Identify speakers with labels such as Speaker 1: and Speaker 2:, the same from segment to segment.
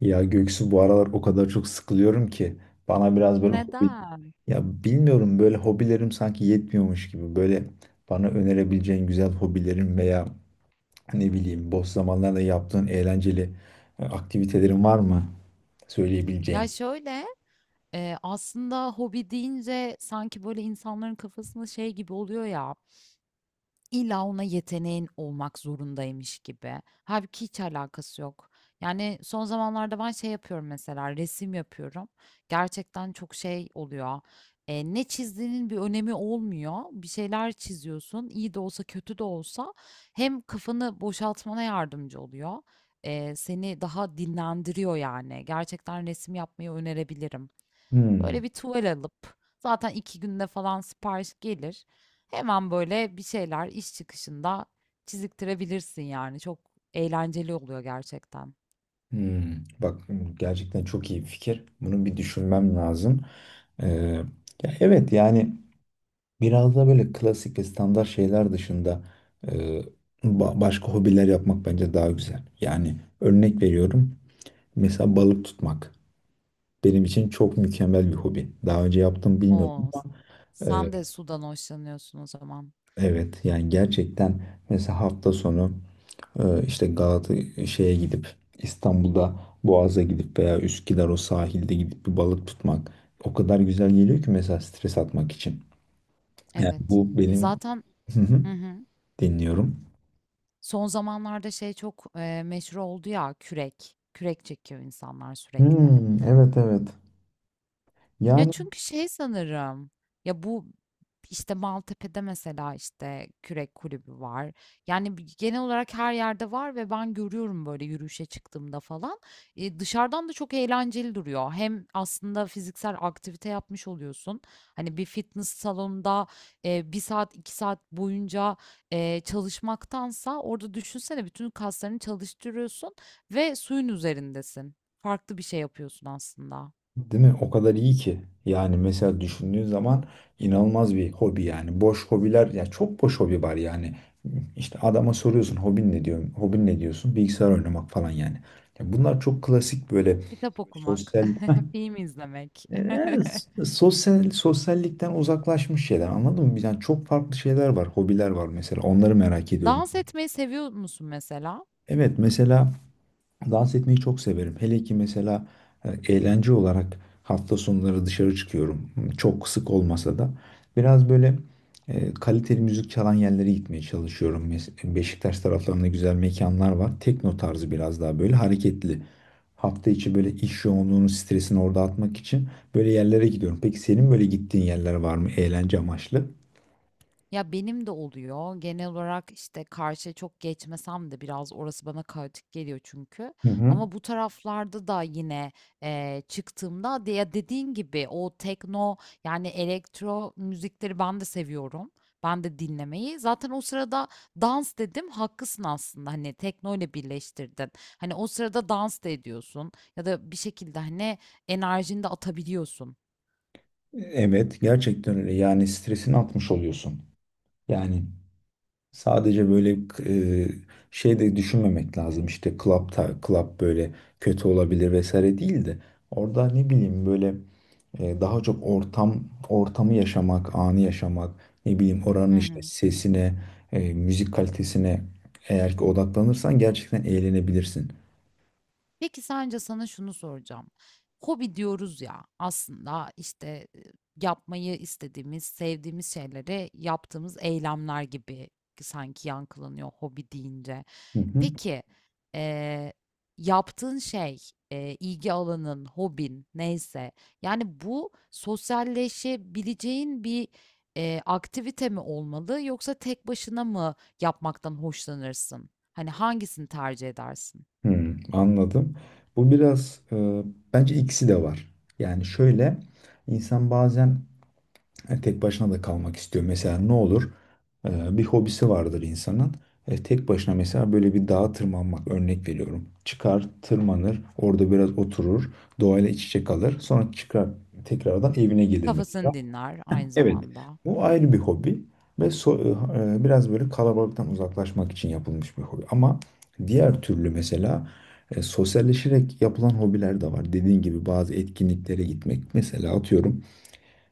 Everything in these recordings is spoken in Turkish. Speaker 1: Ya Göksu, bu aralar o kadar çok sıkılıyorum ki bana biraz böyle hobi...
Speaker 2: Neden?
Speaker 1: Ya bilmiyorum, böyle hobilerim sanki yetmiyormuş gibi böyle bana önerebileceğin güzel hobilerin veya ne bileyim boş zamanlarda yaptığın eğlenceli aktivitelerin var mı söyleyebileceğin?
Speaker 2: Ya şöyle aslında hobi deyince sanki böyle insanların kafasında şey gibi oluyor ya. İlla ona yeteneğin olmak zorundaymış gibi. Hâlbuki hiç alakası yok. Yani, son zamanlarda ben şey yapıyorum mesela, resim yapıyorum. Gerçekten çok şey oluyor, ne çizdiğinin bir önemi olmuyor. Bir şeyler çiziyorsun, iyi de olsa kötü de olsa hem kafanı boşaltmana yardımcı oluyor, seni daha dinlendiriyor yani. Gerçekten resim yapmayı önerebilirim. Böyle
Speaker 1: Hmm,
Speaker 2: bir tuval alıp zaten iki günde falan sipariş gelir. Hemen böyle bir şeyler iş çıkışında çiziktirebilirsin yani. Çok eğlenceli oluyor gerçekten.
Speaker 1: hmm. Bak, gerçekten çok iyi bir fikir. Bunu bir düşünmem lazım. Ee, Ya evet, yani biraz da böyle klasik ve standart şeyler dışında, e, başka hobiler yapmak bence daha güzel. Yani örnek veriyorum. Mesela balık tutmak. Benim için çok mükemmel bir hobi. Daha önce yaptım bilmiyorum
Speaker 2: Oo,
Speaker 1: ama
Speaker 2: sen
Speaker 1: e,
Speaker 2: de sudan hoşlanıyorsun o zaman.
Speaker 1: evet yani gerçekten mesela hafta sonu işte Galata şeye gidip, İstanbul'da Boğaz'a gidip veya Üsküdar o sahilde gidip bir balık tutmak o kadar güzel geliyor ki mesela stres atmak için. Yani
Speaker 2: Evet.
Speaker 1: bu
Speaker 2: Ya
Speaker 1: benim...
Speaker 2: zaten
Speaker 1: Hı hı.
Speaker 2: hı hı.
Speaker 1: Dinliyorum.
Speaker 2: Son zamanlarda şey çok, meşhur oldu ya kürek. Kürek çekiyor insanlar sürekli.
Speaker 1: Hmm, evet, evet.
Speaker 2: Ya
Speaker 1: Yani
Speaker 2: çünkü şey sanırım. Ya bu işte Maltepe'de mesela işte kürek kulübü var. Yani genel olarak her yerde var ve ben görüyorum böyle yürüyüşe çıktığımda falan. E, dışarıdan da çok eğlenceli duruyor. Hem aslında fiziksel aktivite yapmış oluyorsun. Hani bir fitness salonunda bir saat iki saat boyunca çalışmaktansa orada düşünsene bütün kaslarını çalıştırıyorsun ve suyun üzerindesin. Farklı bir şey yapıyorsun aslında.
Speaker 1: değil mi? O kadar iyi ki. Yani mesela düşündüğün zaman inanılmaz bir hobi yani. Boş hobiler, ya çok boş hobi var yani. İşte adama soruyorsun hobin ne, diyor? Hobin ne, diyorsun? Bilgisayar oynamak falan yani. Ya bunlar çok klasik, böyle
Speaker 2: Kitap okumak.
Speaker 1: sosyal...
Speaker 2: Film izlemek.
Speaker 1: Ee, sosyallikten uzaklaşmış şeyler. Anladın mı? Yani çok farklı şeyler var, hobiler var mesela. Onları merak ediyorum.
Speaker 2: Dans etmeyi seviyor musun mesela?
Speaker 1: Evet mesela, dans etmeyi çok severim. Hele ki mesela e, eğlence olarak hafta sonları dışarı çıkıyorum. Çok sık olmasa da biraz böyle kaliteli müzik çalan yerlere gitmeye çalışıyorum. Beşiktaş taraflarında güzel mekanlar var. Tekno tarzı, biraz daha böyle hareketli. Hafta içi böyle iş yoğunluğunun stresini orada atmak için böyle yerlere gidiyorum. Peki senin böyle gittiğin yerler var mı eğlence amaçlı?
Speaker 2: Ya benim de oluyor. Genel olarak işte karşıya çok geçmesem de biraz orası bana kaotik geliyor çünkü.
Speaker 1: Hı hı.
Speaker 2: Ama bu taraflarda da yine çıktığımda ya dediğin gibi o tekno yani elektro müzikleri ben de seviyorum. Ben de dinlemeyi. Zaten o sırada dans dedim. Haklısın aslında. Hani tekno ile birleştirdin. Hani o sırada dans da ediyorsun ya da bir şekilde hani enerjini de atabiliyorsun.
Speaker 1: Evet, gerçekten öyle. Yani stresini atmış oluyorsun. Yani sadece böyle e, şey de düşünmemek lazım, işte club, club böyle kötü olabilir vesaire değil de, orada ne bileyim böyle daha çok ortamı yaşamak, anı yaşamak, ne bileyim
Speaker 2: Hı
Speaker 1: oranın işte
Speaker 2: hı.
Speaker 1: sesine, müzik kalitesine eğer ki odaklanırsan gerçekten eğlenebilirsin.
Speaker 2: Peki sence sana şunu soracağım. Hobi diyoruz ya aslında işte yapmayı istediğimiz, sevdiğimiz şeyleri yaptığımız eylemler gibi sanki yankılanıyor hobi deyince.
Speaker 1: Hı hı.
Speaker 2: Peki e, yaptığın şey, ilgi alanın, hobin neyse yani bu sosyalleşebileceğin bir aktivite mi olmalı yoksa tek başına mı yapmaktan hoşlanırsın? Hani hangisini tercih edersin?
Speaker 1: Hmm, anladım. Bu biraz bence ikisi de var. Yani şöyle, insan bazen... Yani tek başına da kalmak istiyor. Mesela ne olur? Bir hobisi vardır insanın. E, tek başına mesela böyle bir dağa tırmanmak, örnek veriyorum. Çıkar, tırmanır, orada biraz oturur, doğayla iç içe kalır. Sonra çıkar, tekrardan evine gelir mesela.
Speaker 2: Kafasını dinler aynı
Speaker 1: Evet,
Speaker 2: zamanda.
Speaker 1: bu ayrı bir hobi ve biraz böyle kalabalıktan uzaklaşmak için yapılmış bir hobi. Ama diğer türlü mesela sosyalleşerek yapılan hobiler de var. Dediğin gibi bazı etkinliklere gitmek. Mesela atıyorum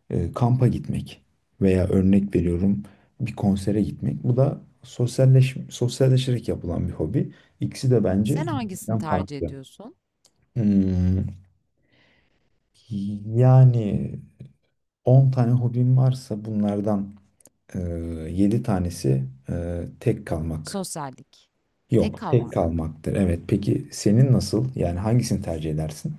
Speaker 1: kampa gitmek veya örnek veriyorum bir konsere gitmek. Bu da sosyalleşerek yapılan bir hobi. İkisi de bence
Speaker 2: Sen hangisini
Speaker 1: birbirinden
Speaker 2: tercih
Speaker 1: farklı.
Speaker 2: ediyorsun?
Speaker 1: Hmm, yani 10 tane hobim varsa bunlardan, e, 7 tanesi tek kalmak.
Speaker 2: Sosyallik, tek
Speaker 1: Yok, tek
Speaker 2: kalmak.
Speaker 1: kalmaktır. Evet. Peki senin nasıl? Yani hangisini tercih edersin?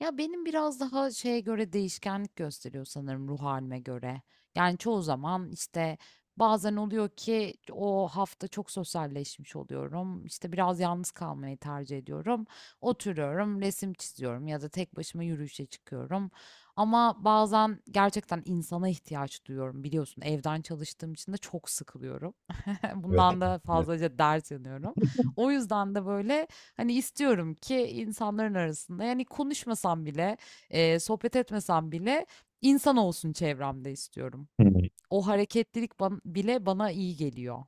Speaker 2: Ya benim biraz daha şeye göre değişkenlik gösteriyor sanırım ruh halime göre. Yani çoğu zaman işte bazen oluyor ki o hafta çok sosyalleşmiş oluyorum. İşte biraz yalnız kalmayı tercih ediyorum. Oturuyorum, resim çiziyorum ya da tek başıma yürüyüşe çıkıyorum. Ama bazen gerçekten insana ihtiyaç duyuyorum biliyorsun. Evden çalıştığım için de çok sıkılıyorum.
Speaker 1: Evet.
Speaker 2: Bundan da
Speaker 1: Evet.
Speaker 2: fazlaca dert yanıyorum. O yüzden de böyle hani istiyorum ki insanların arasında yani konuşmasam bile, sohbet etmesem bile insan olsun çevremde istiyorum.
Speaker 1: Hmm.
Speaker 2: O hareketlilik bile bana iyi geliyor.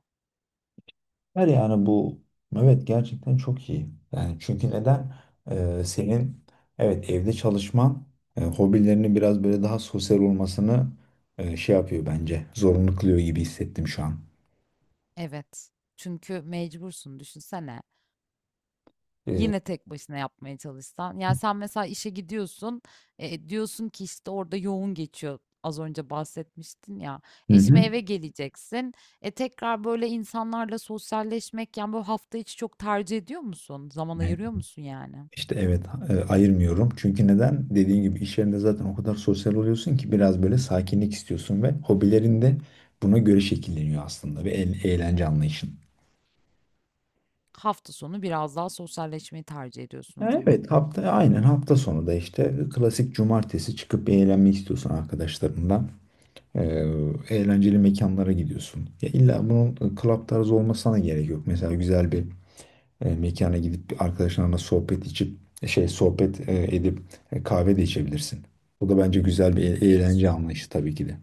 Speaker 1: Her yani bu, evet, gerçekten çok iyi. Yani çünkü neden... Senin, evet, evde çalışman hobilerini biraz böyle daha sosyal olmasını, şey yapıyor bence. Zorunlu kılıyor gibi hissettim şu an.
Speaker 2: Evet. Çünkü mecbursun düşünsene.
Speaker 1: Hı.
Speaker 2: Yine tek başına yapmaya çalışsan. Yani sen mesela işe gidiyorsun, diyorsun ki işte orada yoğun geçiyor. Az önce bahsetmiştin ya.
Speaker 1: Hı
Speaker 2: E şimdi
Speaker 1: hı.
Speaker 2: eve geleceksin. E tekrar böyle insanlarla sosyalleşmek yani böyle hafta içi çok tercih ediyor musun? Zaman
Speaker 1: Yani
Speaker 2: ayırıyor musun yani?
Speaker 1: işte evet, ayırmıyorum. Çünkü neden? Dediğin gibi iş yerinde zaten o kadar sosyal oluyorsun ki biraz böyle sakinlik istiyorsun ve hobilerin de buna göre şekilleniyor aslında ve eğlence anlayışın.
Speaker 2: Hafta sonu biraz daha sosyalleşmeyi tercih ediyorsun o zaman.
Speaker 1: Evet, aynen, hafta sonu da işte klasik cumartesi çıkıp eğlenmek istiyorsun arkadaşlarınla. Ee, Eğlenceli mekanlara gidiyorsun. Ya illa bunun club tarzı olmasına da gerek yok. Mesela güzel bir mekana gidip bir arkadaşlarınla sohbet içip, sohbet edip kahve de içebilirsin. Bu da bence güzel bir eğlence
Speaker 2: Değişiyor.
Speaker 1: anlayışı, tabii ki de.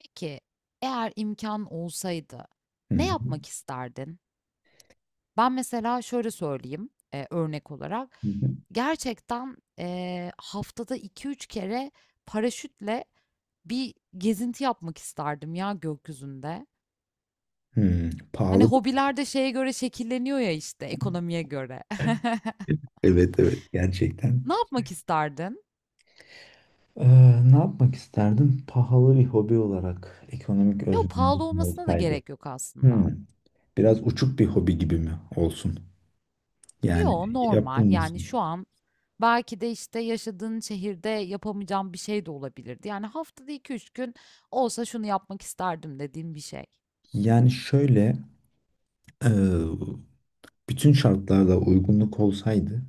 Speaker 2: Peki eğer imkan olsaydı
Speaker 1: Hı
Speaker 2: ne
Speaker 1: hı.
Speaker 2: yapmak isterdin? Ben mesela şöyle söyleyeyim, örnek olarak.
Speaker 1: Hı hı.
Speaker 2: Gerçekten, haftada iki üç kere paraşütle bir gezinti yapmak isterdim ya gökyüzünde.
Speaker 1: Hı,
Speaker 2: Hani,
Speaker 1: pahalı bir
Speaker 2: hobiler de şeye göre şekilleniyor ya, işte, ekonomiye göre.
Speaker 1: şey. Evet, evet,
Speaker 2: Ne
Speaker 1: gerçekten.
Speaker 2: yapmak isterdin?
Speaker 1: Ee, Ne yapmak isterdim? Pahalı bir hobi olarak, ekonomik
Speaker 2: Yo, pahalı
Speaker 1: özgürlüğüm
Speaker 2: olmasına da
Speaker 1: olsaydı...
Speaker 2: gerek yok
Speaker 1: Hmm,
Speaker 2: aslında.
Speaker 1: biraz uçuk bir hobi gibi mi olsun?
Speaker 2: Yo,
Speaker 1: Yani
Speaker 2: normal. Yani, şu
Speaker 1: yapılmasın.
Speaker 2: an belki de, işte, yaşadığın şehirde yapamayacağım bir şey de olabilirdi. Yani, haftada iki üç gün olsa şunu yapmak isterdim dediğim bir şey.
Speaker 1: Yani şöyle, e, bütün şartlarda uygunluk olsaydı,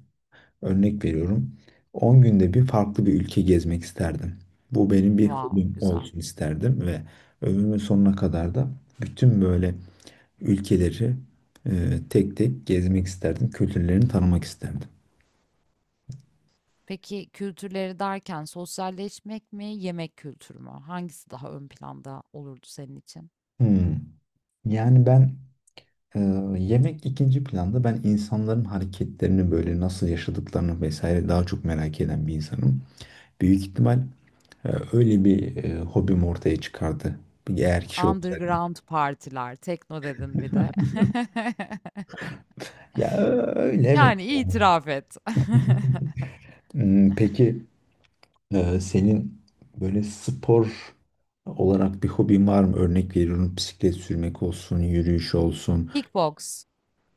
Speaker 1: örnek veriyorum, 10 günde bir farklı bir ülke gezmek isterdim. Bu benim bir
Speaker 2: Wow,
Speaker 1: hobim
Speaker 2: güzel.
Speaker 1: olsun isterdim ve ömrümün sonuna kadar da bütün böyle ülkeleri tek tek gezmek isterdim. Kültürlerini tanımak isterdim.
Speaker 2: Peki kültürleri derken sosyalleşmek mi, yemek kültürü mü? Hangisi daha ön planda olurdu senin için?
Speaker 1: Hmm. Yani ben e, yemek ikinci planda. Ben insanların hareketlerini, böyle nasıl yaşadıklarını vesaire daha çok merak eden bir insanım. Büyük ihtimal öyle bir hobim ortaya çıkardı. Bir... eğer kişi olsaydı.
Speaker 2: Underground partiler, tekno dedin bir de.
Speaker 1: Öyle, evet.
Speaker 2: Yani itiraf et.
Speaker 1: Hmm, peki senin böyle spor olarak bir hobin var mı? Örnek veriyorum, bisiklet sürmek olsun, yürüyüş olsun.
Speaker 2: Kickbox.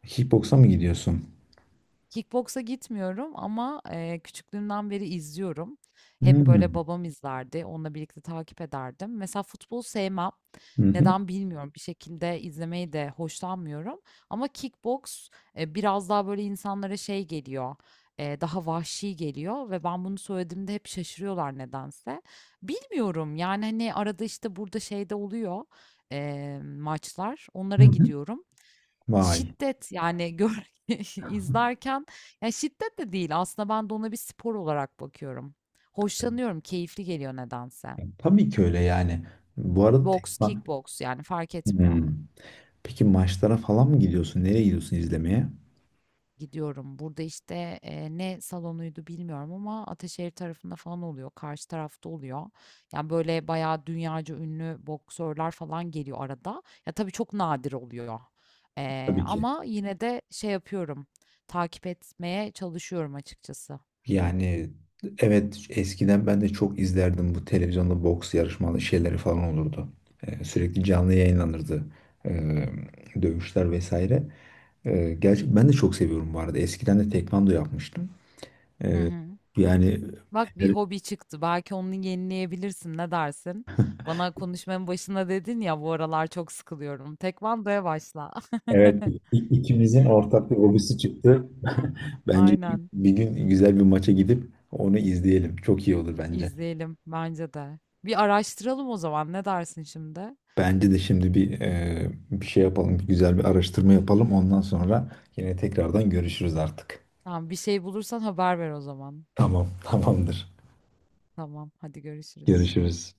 Speaker 1: Kickboksa mı gidiyorsun?
Speaker 2: Kickboksa gitmiyorum ama, küçüklüğümden beri izliyorum. Hep böyle
Speaker 1: Hmm.
Speaker 2: babam izlerdi. Onunla birlikte takip ederdim. Mesela futbol sevmem.
Speaker 1: Hı hı.
Speaker 2: Neden bilmiyorum. Bir şekilde izlemeyi de hoşlanmıyorum. Ama kickboks biraz daha böyle insanlara şey geliyor. Daha vahşi geliyor ve ben bunu söylediğimde hep şaşırıyorlar nedense. Bilmiyorum yani hani arada işte burada şeyde oluyor maçlar.
Speaker 1: Hı
Speaker 2: Onlara
Speaker 1: hı.
Speaker 2: gidiyorum.
Speaker 1: Vay.
Speaker 2: Şiddet, yani, gör izlerken ya, şiddet de değil aslında ben de ona bir spor olarak bakıyorum. Hoşlanıyorum, keyifli geliyor nedense.
Speaker 1: Tabii ki öyle yani. Bu arada tek...
Speaker 2: Boks, kickboks, yani, fark etmiyor.
Speaker 1: Hmm. Peki maçlara falan mı gidiyorsun? Nereye gidiyorsun izlemeye?
Speaker 2: Gidiyorum. Burada, işte, ne salonuydu bilmiyorum ama Ataşehir tarafında falan oluyor, karşı tarafta oluyor. Yani, böyle, bayağı dünyaca ünlü boksörler falan geliyor arada. Ya, tabii çok nadir oluyor,
Speaker 1: Tabii ki.
Speaker 2: ama yine de şey yapıyorum, takip etmeye çalışıyorum açıkçası.
Speaker 1: Yani evet, eskiden ben de çok izlerdim, bu televizyonda boks yarışmalı şeyleri falan olurdu. Sürekli canlı yayınlanırdı. Ee, Dövüşler vesaire. Gerçi ben de çok seviyorum bu arada. Eskiden de tekvando yapmıştım.
Speaker 2: Hı
Speaker 1: Ee,
Speaker 2: hı.
Speaker 1: Yani...
Speaker 2: Bak bir hobi çıktı. Belki onu yenileyebilirsin. Ne dersin? Bana konuşmanın başında dedin ya bu aralar çok sıkılıyorum. Tekvandoya başla.
Speaker 1: Evet, ikimizin ortak bir hobisi çıktı. Bence
Speaker 2: Aynen.
Speaker 1: bir gün güzel bir maça gidip onu izleyelim. Çok iyi olur bence.
Speaker 2: İzleyelim bence de. Bir araştıralım o zaman. Ne dersin şimdi?
Speaker 1: Bence de şimdi bir bir şey yapalım, bir güzel bir araştırma yapalım. Ondan sonra yine tekrardan görüşürüz artık.
Speaker 2: Tamam, bir şey bulursan haber ver o zaman.
Speaker 1: Tamam, tamamdır.
Speaker 2: Tamam, hadi görüşürüz.
Speaker 1: Görüşürüz.